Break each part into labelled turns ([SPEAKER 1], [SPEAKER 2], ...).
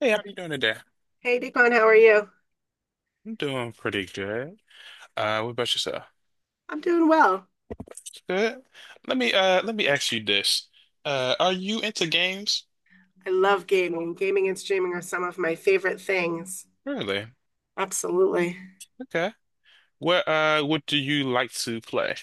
[SPEAKER 1] Hey, how are you doing today?
[SPEAKER 2] Hey, Deepan, how are you?
[SPEAKER 1] I'm doing pretty good. What about yourself?
[SPEAKER 2] I'm doing well.
[SPEAKER 1] Good. Let me ask you this. Are you into games?
[SPEAKER 2] I love gaming. Gaming and streaming are some of my favorite things.
[SPEAKER 1] Really?
[SPEAKER 2] Absolutely.
[SPEAKER 1] Okay. What what do you like to play?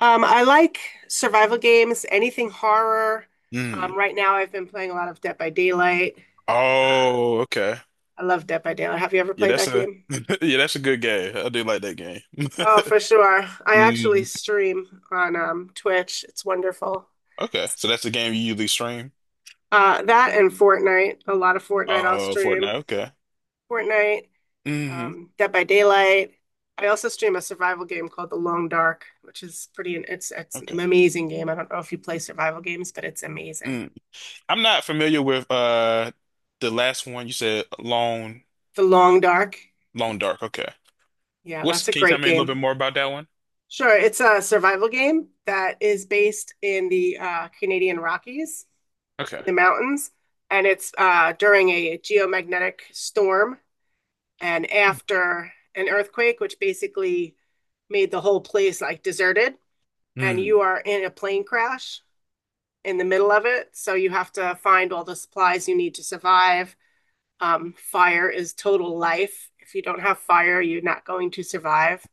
[SPEAKER 2] I like survival games, anything horror.
[SPEAKER 1] Hmm.
[SPEAKER 2] Right now, I've been playing a lot of Dead by Daylight.
[SPEAKER 1] Oh, okay.
[SPEAKER 2] I love Dead by Daylight. Have you ever
[SPEAKER 1] Yeah,
[SPEAKER 2] played
[SPEAKER 1] that's
[SPEAKER 2] that
[SPEAKER 1] a
[SPEAKER 2] game?
[SPEAKER 1] yeah, that's a good game. I do like that game.
[SPEAKER 2] Oh, for sure. I actually
[SPEAKER 1] Mm.
[SPEAKER 2] stream on Twitch. It's wonderful.
[SPEAKER 1] Okay. So that's the game you usually stream?
[SPEAKER 2] That and Fortnite. A lot of Fortnite I'll
[SPEAKER 1] Oh, Fortnite.
[SPEAKER 2] stream.
[SPEAKER 1] Okay.
[SPEAKER 2] Fortnite.
[SPEAKER 1] Hmm.
[SPEAKER 2] Dead by Daylight. I also stream a survival game called The Long Dark, which is pretty. It's an
[SPEAKER 1] Okay.
[SPEAKER 2] amazing game. I don't know if you play survival games, but it's amazing.
[SPEAKER 1] Mm. I'm not familiar with the last one you said,
[SPEAKER 2] The Long Dark.
[SPEAKER 1] Lone Dark. Okay.
[SPEAKER 2] Yeah,
[SPEAKER 1] What's,
[SPEAKER 2] that's a
[SPEAKER 1] can you tell
[SPEAKER 2] great
[SPEAKER 1] me a little bit
[SPEAKER 2] game.
[SPEAKER 1] more about that one?
[SPEAKER 2] Sure, it's a survival game that is based in the Canadian Rockies,
[SPEAKER 1] Okay.
[SPEAKER 2] the mountains, and it's during a geomagnetic storm and after an earthquake, which basically made the whole place like deserted. And
[SPEAKER 1] Hmm.
[SPEAKER 2] you are in a plane crash in the middle of it. So you have to find all the supplies you need to survive. Fire is total life. If you don't have fire, you're not going to survive.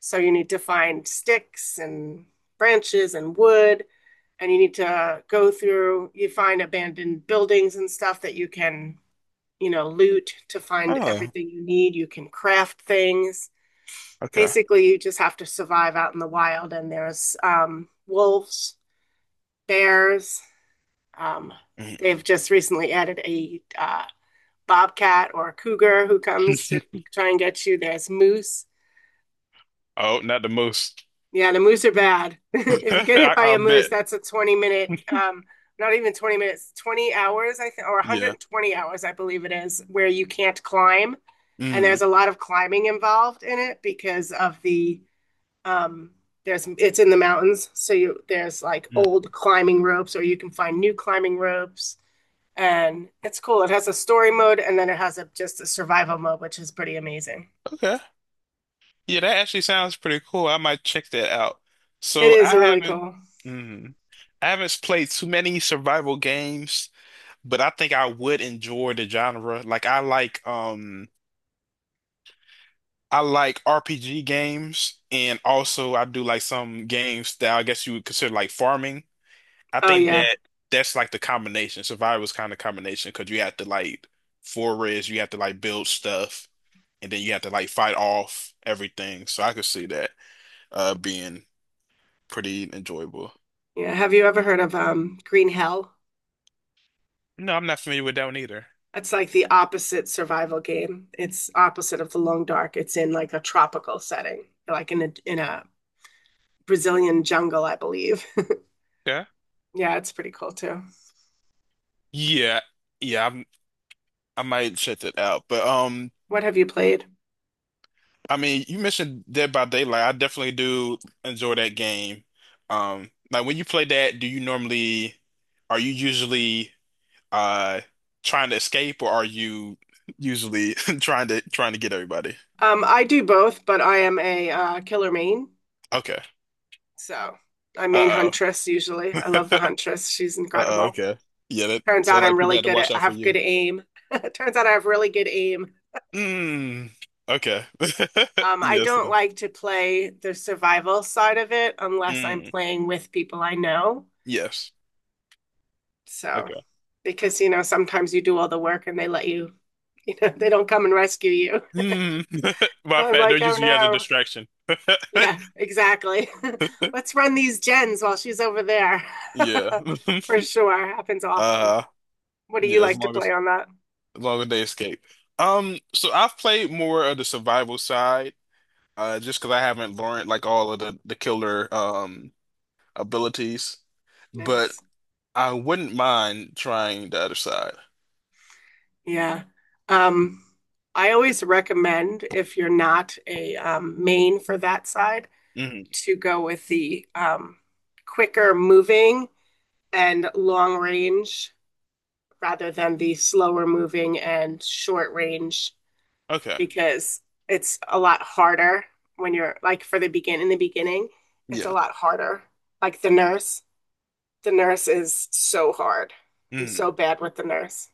[SPEAKER 2] So you need to find sticks and branches and wood, and you need to go through, you find abandoned buildings and stuff that you can, you know, loot to find
[SPEAKER 1] Oh,
[SPEAKER 2] everything you need. You can craft things.
[SPEAKER 1] okay.
[SPEAKER 2] Basically, you just have to survive out in the wild, and there's wolves, bears. Um,
[SPEAKER 1] Hmm.
[SPEAKER 2] they've just recently added a bobcat or a cougar who comes to try and get you. There's moose.
[SPEAKER 1] Oh, not the most.
[SPEAKER 2] Yeah, the moose are bad. If you get hit
[SPEAKER 1] I,
[SPEAKER 2] by
[SPEAKER 1] I
[SPEAKER 2] a moose,
[SPEAKER 1] bet.
[SPEAKER 2] that's a 20 minute, not even 20 minutes, 20 hours, I think, or
[SPEAKER 1] Yeah.
[SPEAKER 2] 120 hours, I believe it is, where you can't climb. And
[SPEAKER 1] Hmm.
[SPEAKER 2] there's a lot of climbing involved in it because of the, um, there's, it's in the mountains. So you, there's like
[SPEAKER 1] Hmm.
[SPEAKER 2] old climbing ropes, or you can find new climbing ropes. And it's cool. It has a story mode and then it has a, just a survival mode, which is pretty amazing.
[SPEAKER 1] Okay. Yeah, that actually sounds pretty cool. I might check that out.
[SPEAKER 2] It
[SPEAKER 1] So
[SPEAKER 2] is
[SPEAKER 1] I
[SPEAKER 2] really
[SPEAKER 1] haven't,
[SPEAKER 2] cool.
[SPEAKER 1] Hmm, I haven't played too many survival games, but I think I would enjoy the genre. Like I like, I like RPG games, and also I do like some games that I guess you would consider like farming. I
[SPEAKER 2] Oh
[SPEAKER 1] think
[SPEAKER 2] yeah.
[SPEAKER 1] that That's like the combination. Survivor's kind of combination because you have to like forage, you have to like build stuff, and then you have to like fight off everything. So I could see that being pretty enjoyable.
[SPEAKER 2] Yeah. Have you ever heard of Green Hell?
[SPEAKER 1] No, I'm not familiar with that one either.
[SPEAKER 2] It's like the opposite survival game. It's opposite of the Long Dark. It's in like a tropical setting, like in a Brazilian jungle, I believe.
[SPEAKER 1] Yeah.
[SPEAKER 2] Yeah, it's pretty cool too.
[SPEAKER 1] Yeah. Yeah, I'm, I might check that out. But
[SPEAKER 2] What have you played?
[SPEAKER 1] I mean, you mentioned Dead by Daylight. I definitely do enjoy that game. Like when you play that, do you normally are you usually uh trying to escape or are you usually trying to get everybody?
[SPEAKER 2] I do both, but I am a killer main,
[SPEAKER 1] Okay.
[SPEAKER 2] so I'm main
[SPEAKER 1] Uh-oh.
[SPEAKER 2] huntress usually. I love the huntress. She's
[SPEAKER 1] Uh-oh,
[SPEAKER 2] incredible.
[SPEAKER 1] okay. Yeah, that
[SPEAKER 2] Turns
[SPEAKER 1] sounds
[SPEAKER 2] out I'm
[SPEAKER 1] like people
[SPEAKER 2] really
[SPEAKER 1] had to
[SPEAKER 2] good at,
[SPEAKER 1] watch
[SPEAKER 2] I
[SPEAKER 1] out for
[SPEAKER 2] have good
[SPEAKER 1] you.
[SPEAKER 2] aim. Turns out I have really good aim.
[SPEAKER 1] Mm. Okay.
[SPEAKER 2] I
[SPEAKER 1] Yes,
[SPEAKER 2] don't
[SPEAKER 1] sir.
[SPEAKER 2] like to play the survival side of it unless I'm
[SPEAKER 1] Mm.
[SPEAKER 2] playing with people I know.
[SPEAKER 1] Yes.
[SPEAKER 2] So,
[SPEAKER 1] Okay.
[SPEAKER 2] because, you know, sometimes you do all the work and they let you, you know, they don't come and rescue you.
[SPEAKER 1] Mm. My
[SPEAKER 2] So I'm
[SPEAKER 1] fact, they're
[SPEAKER 2] like, oh
[SPEAKER 1] using you as a
[SPEAKER 2] no.
[SPEAKER 1] distraction.
[SPEAKER 2] Yeah, exactly. Let's run these gens while she's over there.
[SPEAKER 1] Yeah.
[SPEAKER 2] For sure. Happens often.
[SPEAKER 1] Uh,
[SPEAKER 2] What do you
[SPEAKER 1] yeah, as
[SPEAKER 2] like to
[SPEAKER 1] long
[SPEAKER 2] play
[SPEAKER 1] as
[SPEAKER 2] on that?
[SPEAKER 1] as long as they escape. So I've played more of the survival side. Just because I haven't learned like all of the killer abilities, but
[SPEAKER 2] Nice.
[SPEAKER 1] I wouldn't mind trying the other side.
[SPEAKER 2] Yeah. Um, I always recommend if you're not a main for that side
[SPEAKER 1] Hmm.
[SPEAKER 2] to go with the quicker moving and long range rather than the slower moving and short range
[SPEAKER 1] Okay.
[SPEAKER 2] because it's a lot harder when you're like for the begin in the beginning, it's a
[SPEAKER 1] Yeah.
[SPEAKER 2] lot harder. Like the nurse is so hard. I'm
[SPEAKER 1] Mm.
[SPEAKER 2] so bad with the nurse.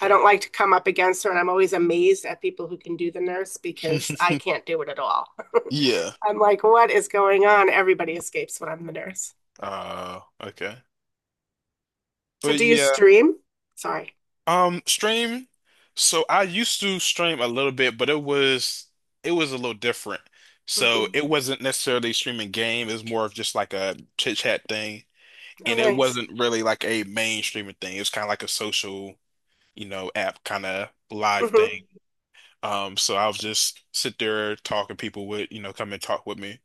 [SPEAKER 2] I don't like to come up against her, and I'm always amazed at people who can do the nurse because I can't do it at all.
[SPEAKER 1] Yeah.
[SPEAKER 2] I'm like, what is going on? Everybody escapes when I'm the nurse.
[SPEAKER 1] Okay.
[SPEAKER 2] So
[SPEAKER 1] But
[SPEAKER 2] do you
[SPEAKER 1] yeah,
[SPEAKER 2] stream? Sorry.
[SPEAKER 1] stream. So I used to stream a little bit, but it was a little different. So it
[SPEAKER 2] Hmm.
[SPEAKER 1] wasn't necessarily streaming game. It was more of just like a chit chat thing,
[SPEAKER 2] Oh,
[SPEAKER 1] and it
[SPEAKER 2] nice.
[SPEAKER 1] wasn't really like a main streaming thing. It was kind of like a social, you know, app kind of live thing.
[SPEAKER 2] Hmm.
[SPEAKER 1] So I'll just sit there talking people would, you know, come and talk with me.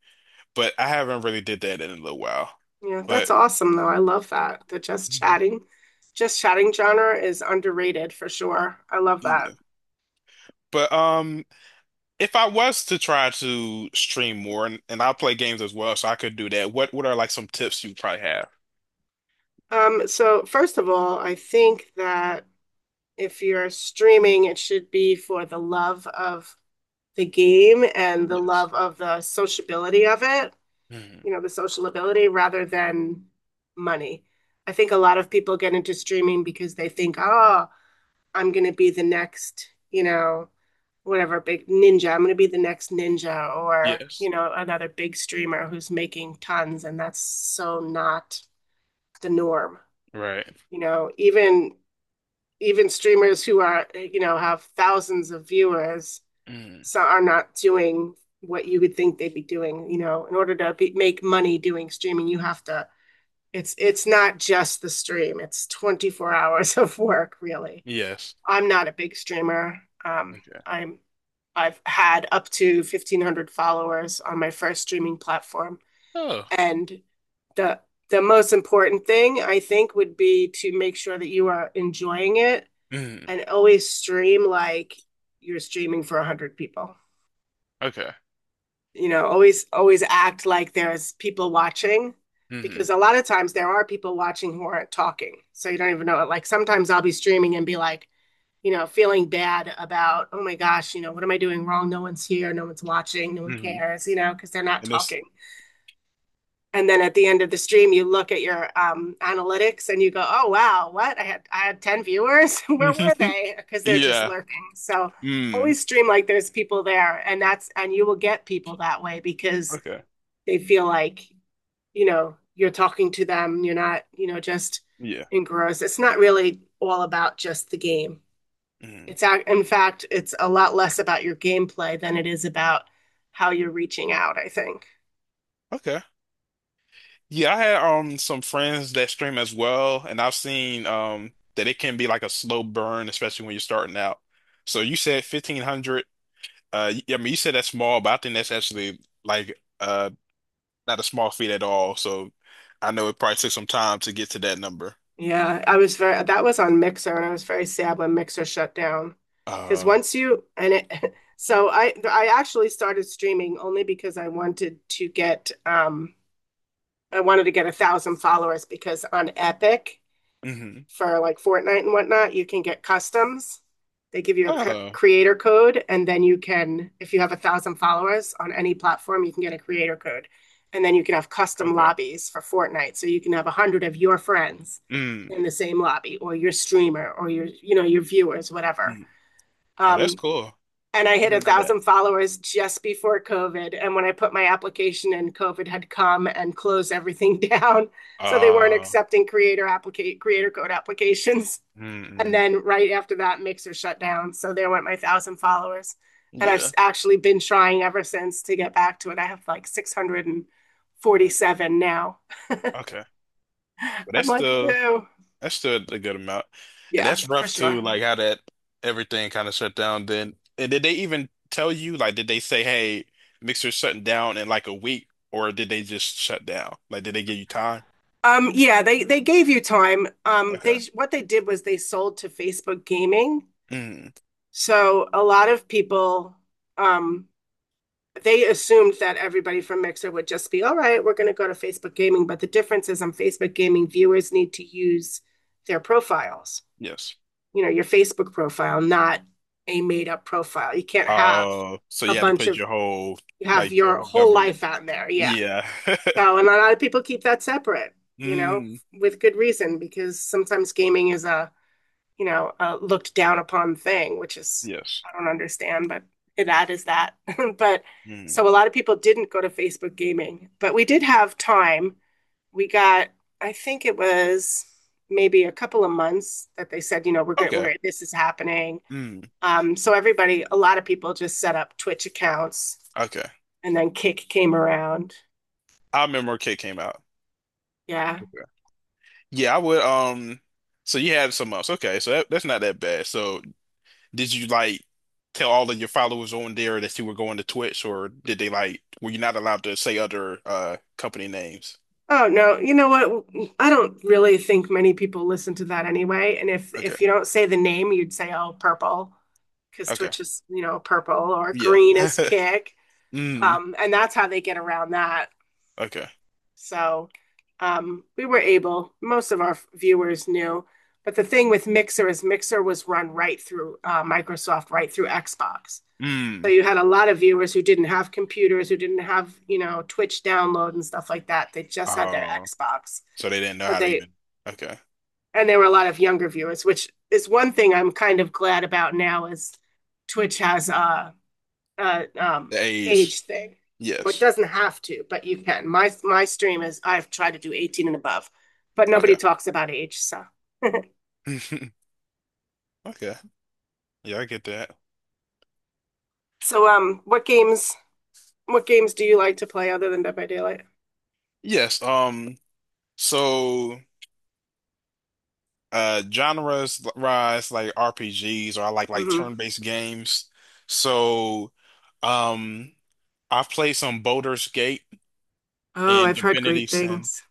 [SPEAKER 1] But I haven't really did that in a little while.
[SPEAKER 2] Yeah, that's
[SPEAKER 1] But
[SPEAKER 2] awesome though. I love that. The
[SPEAKER 1] mhm.
[SPEAKER 2] just chatting genre is underrated for sure. I love that.
[SPEAKER 1] Yeah. But if I was to try to stream more and I play games as well, so I could do that, what are like some tips you probably have?
[SPEAKER 2] So first of all, I think that if you're streaming, it should be for the love of the game and the
[SPEAKER 1] Yes.
[SPEAKER 2] love of the sociability of it,
[SPEAKER 1] Mhm.
[SPEAKER 2] you know, the social ability rather than money. I think a lot of people get into streaming because they think, oh, I'm going to be the next, you know, whatever big ninja. I'm going to be the next ninja or,
[SPEAKER 1] Yes.
[SPEAKER 2] you know, another big streamer who's making tons. And that's so not the norm.
[SPEAKER 1] Right.
[SPEAKER 2] You know, even streamers who are, you know, have thousands of viewers
[SPEAKER 1] Mhm.
[SPEAKER 2] so are not doing what you would think they'd be doing. You know, in order to be, make money doing streaming, you have to. It's not just the stream. It's 24 hours of work, really.
[SPEAKER 1] Yes.
[SPEAKER 2] I'm not a big streamer. Um,
[SPEAKER 1] Okay.
[SPEAKER 2] I'm I've had up to 1,500 followers on my first streaming platform,
[SPEAKER 1] Oh.
[SPEAKER 2] and the the most important thing I think would be to make sure that you are enjoying it
[SPEAKER 1] Mhm.
[SPEAKER 2] and always stream like you're streaming for 100 people.
[SPEAKER 1] Okay.
[SPEAKER 2] You know, always, always act like there's people watching,
[SPEAKER 1] Mhm.
[SPEAKER 2] because a lot of times there are people watching who aren't talking, so you don't even know it. Like sometimes I'll be streaming and be like, you know, feeling bad about oh my gosh, you know, what am I doing wrong, no one's here, no one's watching, no one
[SPEAKER 1] Mhm.
[SPEAKER 2] cares, you know, because they're not
[SPEAKER 1] And this
[SPEAKER 2] talking. And then at the end of the stream you look at your analytics and you go oh wow, what, I had 10 viewers where were they, because they're just
[SPEAKER 1] yeah.
[SPEAKER 2] lurking. So
[SPEAKER 1] Mm.
[SPEAKER 2] always stream like there's people there, and that's, and you will get people that way because
[SPEAKER 1] Okay.
[SPEAKER 2] they feel like, you know, you're talking to them, you're not, you know, just
[SPEAKER 1] Yeah.
[SPEAKER 2] engrossed. It's not really all about just the game.
[SPEAKER 1] Mhm.
[SPEAKER 2] It's in fact, it's a lot less about your gameplay than it is about how you're reaching out, I think.
[SPEAKER 1] Okay. Yeah, I had some friends that stream as well, and I've seen that it can be like a slow burn, especially when you're starting out. So you said 1,500. I mean, you said that's small, but I think that's actually like not a small feat at all. So I know it probably took some time to get to that number.
[SPEAKER 2] Yeah, I was very, that was on Mixer, and I was very sad when Mixer shut down. Because
[SPEAKER 1] Uh,
[SPEAKER 2] once you, and it, so I actually started streaming only because I wanted to get, I wanted to get a thousand followers because on Epic,
[SPEAKER 1] mm-hmm.
[SPEAKER 2] for like Fortnite and whatnot, you can get customs. They give you a
[SPEAKER 1] Oh,
[SPEAKER 2] creator code, and then you can, if you have a thousand followers on any platform, you can get a creator code. And then you can have custom
[SPEAKER 1] okay.
[SPEAKER 2] lobbies for Fortnite. So you can have a hundred of your friends
[SPEAKER 1] Mm,
[SPEAKER 2] in the same lobby, or your streamer, or your, you know, your viewers, whatever.
[SPEAKER 1] mm. Oh, that's
[SPEAKER 2] Um,
[SPEAKER 1] cool.
[SPEAKER 2] and I
[SPEAKER 1] I
[SPEAKER 2] hit a
[SPEAKER 1] didn't know that.
[SPEAKER 2] thousand followers just before COVID. And when I put my application in, COVID had come and closed everything down. So they weren't
[SPEAKER 1] Uh,
[SPEAKER 2] accepting creator applicate creator code applications. And
[SPEAKER 1] mm-mm.
[SPEAKER 2] then right after that, Mixer shut down. So there went my thousand followers. And I've
[SPEAKER 1] Yeah.
[SPEAKER 2] actually been trying ever since to get back to it. I have like
[SPEAKER 1] Mm,
[SPEAKER 2] 647 now.
[SPEAKER 1] okay. Well,
[SPEAKER 2] I'm like, ew.
[SPEAKER 1] that's still a good amount. And
[SPEAKER 2] Yeah,
[SPEAKER 1] that's
[SPEAKER 2] for
[SPEAKER 1] rough
[SPEAKER 2] sure.
[SPEAKER 1] too, like how that everything kind of shut down then. And did they even tell you, like, did they say, hey, Mixer's shutting down in like a week, or did they just shut down? Like, did they give you time?
[SPEAKER 2] Yeah, they gave you time.
[SPEAKER 1] Okay.
[SPEAKER 2] They what they did was they sold to Facebook Gaming.
[SPEAKER 1] Mm,
[SPEAKER 2] So a lot of people um they assumed that everybody from Mixer would just be, all right, we're going to go to Facebook Gaming. But the difference is on Facebook Gaming, viewers need to use their profiles,
[SPEAKER 1] yes.
[SPEAKER 2] you know, your Facebook profile, not a made up profile. You can't have
[SPEAKER 1] So
[SPEAKER 2] a
[SPEAKER 1] you had to
[SPEAKER 2] bunch
[SPEAKER 1] put
[SPEAKER 2] of,
[SPEAKER 1] your whole,
[SPEAKER 2] you have
[SPEAKER 1] like, your
[SPEAKER 2] your
[SPEAKER 1] whole
[SPEAKER 2] whole
[SPEAKER 1] government.
[SPEAKER 2] life out there. Yeah.
[SPEAKER 1] Yeah.
[SPEAKER 2] So, and a lot of people keep that separate, you know,
[SPEAKER 1] Mm,
[SPEAKER 2] with good reason, because sometimes gaming is a, you know, a looked down upon thing, which is,
[SPEAKER 1] yes.
[SPEAKER 2] I don't understand, but that is that. But
[SPEAKER 1] Mm.
[SPEAKER 2] so a lot of people didn't go to Facebook gaming, but we did have time. We got, I think it was maybe a couple of months that they said, you know, we're going,
[SPEAKER 1] Okay.
[SPEAKER 2] we're, this is happening.
[SPEAKER 1] Mm,
[SPEAKER 2] So everybody, a lot of people just set up Twitch accounts
[SPEAKER 1] okay.
[SPEAKER 2] and then Kick came around.
[SPEAKER 1] I remember when Kid came out.
[SPEAKER 2] Yeah.
[SPEAKER 1] Okay. Yeah, I would. So you had some months. Okay, so that's not that bad. So did you like tell all of your followers on there that you were going to Twitch, or did they like were you not allowed to say other company names?
[SPEAKER 2] Oh no, you know what? I don't really think many people listen to that anyway. And if
[SPEAKER 1] Okay,
[SPEAKER 2] if you don't say the name, you'd say, "Oh, purple," because
[SPEAKER 1] okay,
[SPEAKER 2] Twitch is, you know, purple or
[SPEAKER 1] yeah,
[SPEAKER 2] green is kick.
[SPEAKER 1] mm,
[SPEAKER 2] And that's how they get around that.
[SPEAKER 1] okay,
[SPEAKER 2] So, we were able. Most of our viewers knew, but the thing with Mixer is Mixer was run right through Microsoft, right through Xbox. So
[SPEAKER 1] mm.
[SPEAKER 2] you had a lot of viewers who didn't have computers, who didn't have, you know, Twitch download and stuff like that. They just had their
[SPEAKER 1] Oh,
[SPEAKER 2] Xbox.
[SPEAKER 1] so they didn't know
[SPEAKER 2] So
[SPEAKER 1] how to
[SPEAKER 2] they
[SPEAKER 1] even. Okay,
[SPEAKER 2] and there were a lot of younger viewers, which is one thing I'm kind of glad about now is Twitch has a
[SPEAKER 1] the age,
[SPEAKER 2] age thing. Or it
[SPEAKER 1] yes,
[SPEAKER 2] doesn't have to, but you can. My stream is I've tried to do 18 and above, but
[SPEAKER 1] okay,
[SPEAKER 2] nobody talks about age. So,
[SPEAKER 1] okay, yeah, I get that.
[SPEAKER 2] so what games do you like to play other than Dead by Daylight?
[SPEAKER 1] Yes, so genres rise like RPGs, or I like
[SPEAKER 2] Hmm.
[SPEAKER 1] turn-based games. So, um. I've played some Baldur's Gate
[SPEAKER 2] Oh,
[SPEAKER 1] and
[SPEAKER 2] I've heard
[SPEAKER 1] Divinity
[SPEAKER 2] great
[SPEAKER 1] Sin.
[SPEAKER 2] things.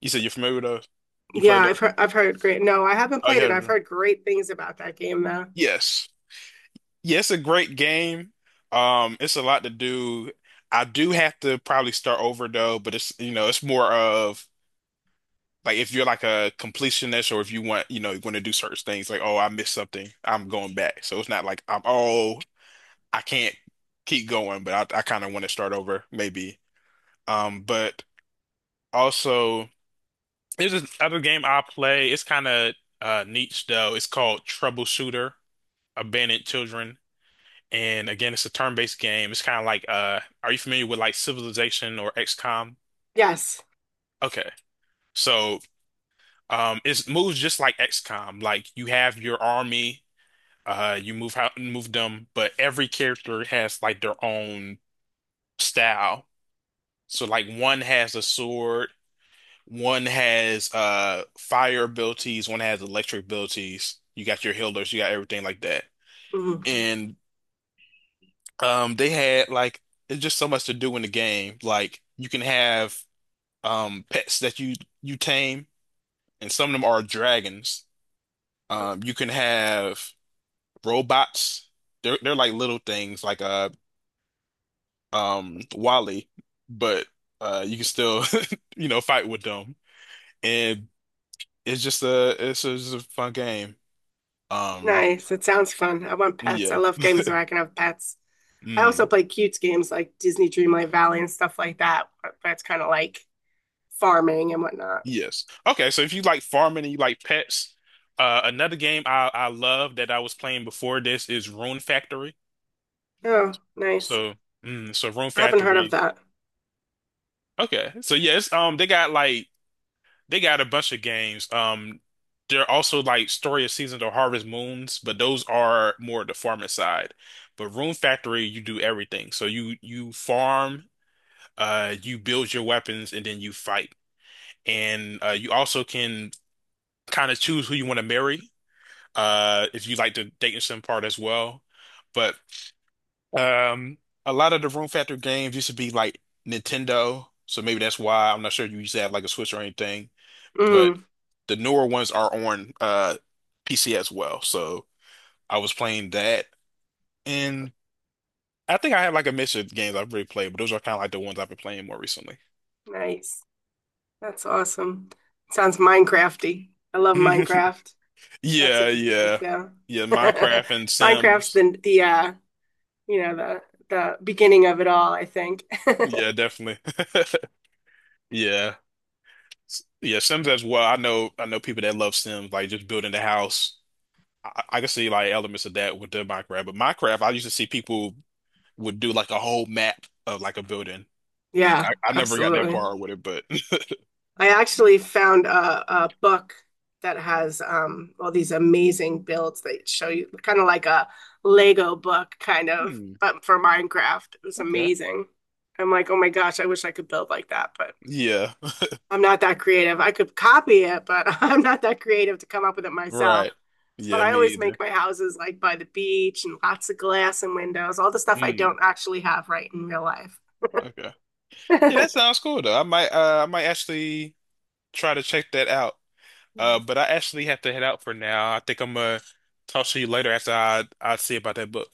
[SPEAKER 1] You said you're familiar with those? You
[SPEAKER 2] Yeah,
[SPEAKER 1] played
[SPEAKER 2] I've
[SPEAKER 1] those?
[SPEAKER 2] heard I've heard great. No, I haven't
[SPEAKER 1] Oh, you
[SPEAKER 2] played it.
[SPEAKER 1] heard of
[SPEAKER 2] I've
[SPEAKER 1] them?
[SPEAKER 2] heard great things about that game though.
[SPEAKER 1] Yes. Yeah, it's a great game. It's a lot to do. I do have to probably start over though, but it's you know, it's more of like if you're like a completionist or if you want, you know, you want to do certain things like, oh, I missed something, I'm going back. So it's not like I'm oh, I can't keep going, I kind of want to start over maybe. But also. There's this other game I play. It's kind of niche though. It's called Troubleshooter, Abandoned Children. And again, it's a turn-based game. It's kind of like are you familiar with like Civilization or XCOM?
[SPEAKER 2] Yes.
[SPEAKER 1] Okay, so it moves just like XCOM. Like you have your army, you move how move them, but every character has like their own style. So like one has a sword, one has fire abilities, one has electric abilities. You got your healers, you got everything like that.
[SPEAKER 2] Mhm.
[SPEAKER 1] And they had like it's just so much to do in the game. Like you can have pets that you tame and some of them are dragons. Um, you can have robots. They're like little things like Wally, but you can still you know fight with them. And it's just it's a fun game. Um,
[SPEAKER 2] Nice. It sounds fun. I want pets. I
[SPEAKER 1] yeah.
[SPEAKER 2] love games where I can have pets. I also
[SPEAKER 1] Mm.
[SPEAKER 2] play cute games like Disney Dreamlight Valley and stuff like that. That's kind of like farming and whatnot.
[SPEAKER 1] Yes. Okay. So if you like farming and you like pets, another game I love that I was playing before this is Rune Factory.
[SPEAKER 2] Oh, nice.
[SPEAKER 1] So, Rune
[SPEAKER 2] I haven't heard of
[SPEAKER 1] Factory.
[SPEAKER 2] that.
[SPEAKER 1] Okay. So yes, they got a bunch of games. They're also like Story of Seasons or Harvest Moons, but those are more the farming side. But Rune Factory, you do everything. So you farm, you build your weapons, and then you fight. And you also can kind of choose who you want to marry, if you like the dating sim part as well. But um, a lot of the Room Factor games used to be like Nintendo, so maybe that's why. I'm not sure you used to have like a Switch or anything, but
[SPEAKER 2] Mm,
[SPEAKER 1] the newer ones are on PC as well. So I was playing that, and I think I have like a mix of games I've really played, but those are kind of like the ones I've been playing more recently.
[SPEAKER 2] nice. That's awesome. Sounds Minecrafty. I love Minecraft. That's a
[SPEAKER 1] Yeah,
[SPEAKER 2] good game
[SPEAKER 1] yeah,
[SPEAKER 2] too.
[SPEAKER 1] yeah. Minecraft and
[SPEAKER 2] Minecraft's
[SPEAKER 1] Sims.
[SPEAKER 2] the you know, the beginning of it all, I think.
[SPEAKER 1] Yeah, definitely. Yeah. Yeah, Sims as well. I know people that love Sims, like just building the house. I can see like elements of that with the Minecraft. But Minecraft, I used to see people would do like a whole map of like a building.
[SPEAKER 2] Yeah,
[SPEAKER 1] I never got that
[SPEAKER 2] absolutely.
[SPEAKER 1] far with it, but
[SPEAKER 2] I actually found a book that has all these amazing builds that show you kind of like a Lego book, kind of,
[SPEAKER 1] hmm,
[SPEAKER 2] but for Minecraft. It was
[SPEAKER 1] okay.
[SPEAKER 2] amazing. I'm like, oh my gosh, I wish I could build like that, but
[SPEAKER 1] Yeah,
[SPEAKER 2] I'm not that creative. I could copy it, but I'm not that creative to come up with it myself.
[SPEAKER 1] right.
[SPEAKER 2] But
[SPEAKER 1] Yeah,
[SPEAKER 2] I
[SPEAKER 1] me
[SPEAKER 2] always
[SPEAKER 1] either.
[SPEAKER 2] make my houses like by the beach and lots of glass and windows, all the stuff I
[SPEAKER 1] Hmm,
[SPEAKER 2] don't actually have right in real life.
[SPEAKER 1] okay. Yeah, that sounds cool though. I might actually try to check that out. Uh, but I actually have to head out for now. I think I'm gonna talk to you later after I see about that book.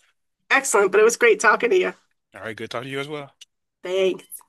[SPEAKER 2] Excellent, but it was great talking to you.
[SPEAKER 1] All right, good talking to you as well.
[SPEAKER 2] Thanks.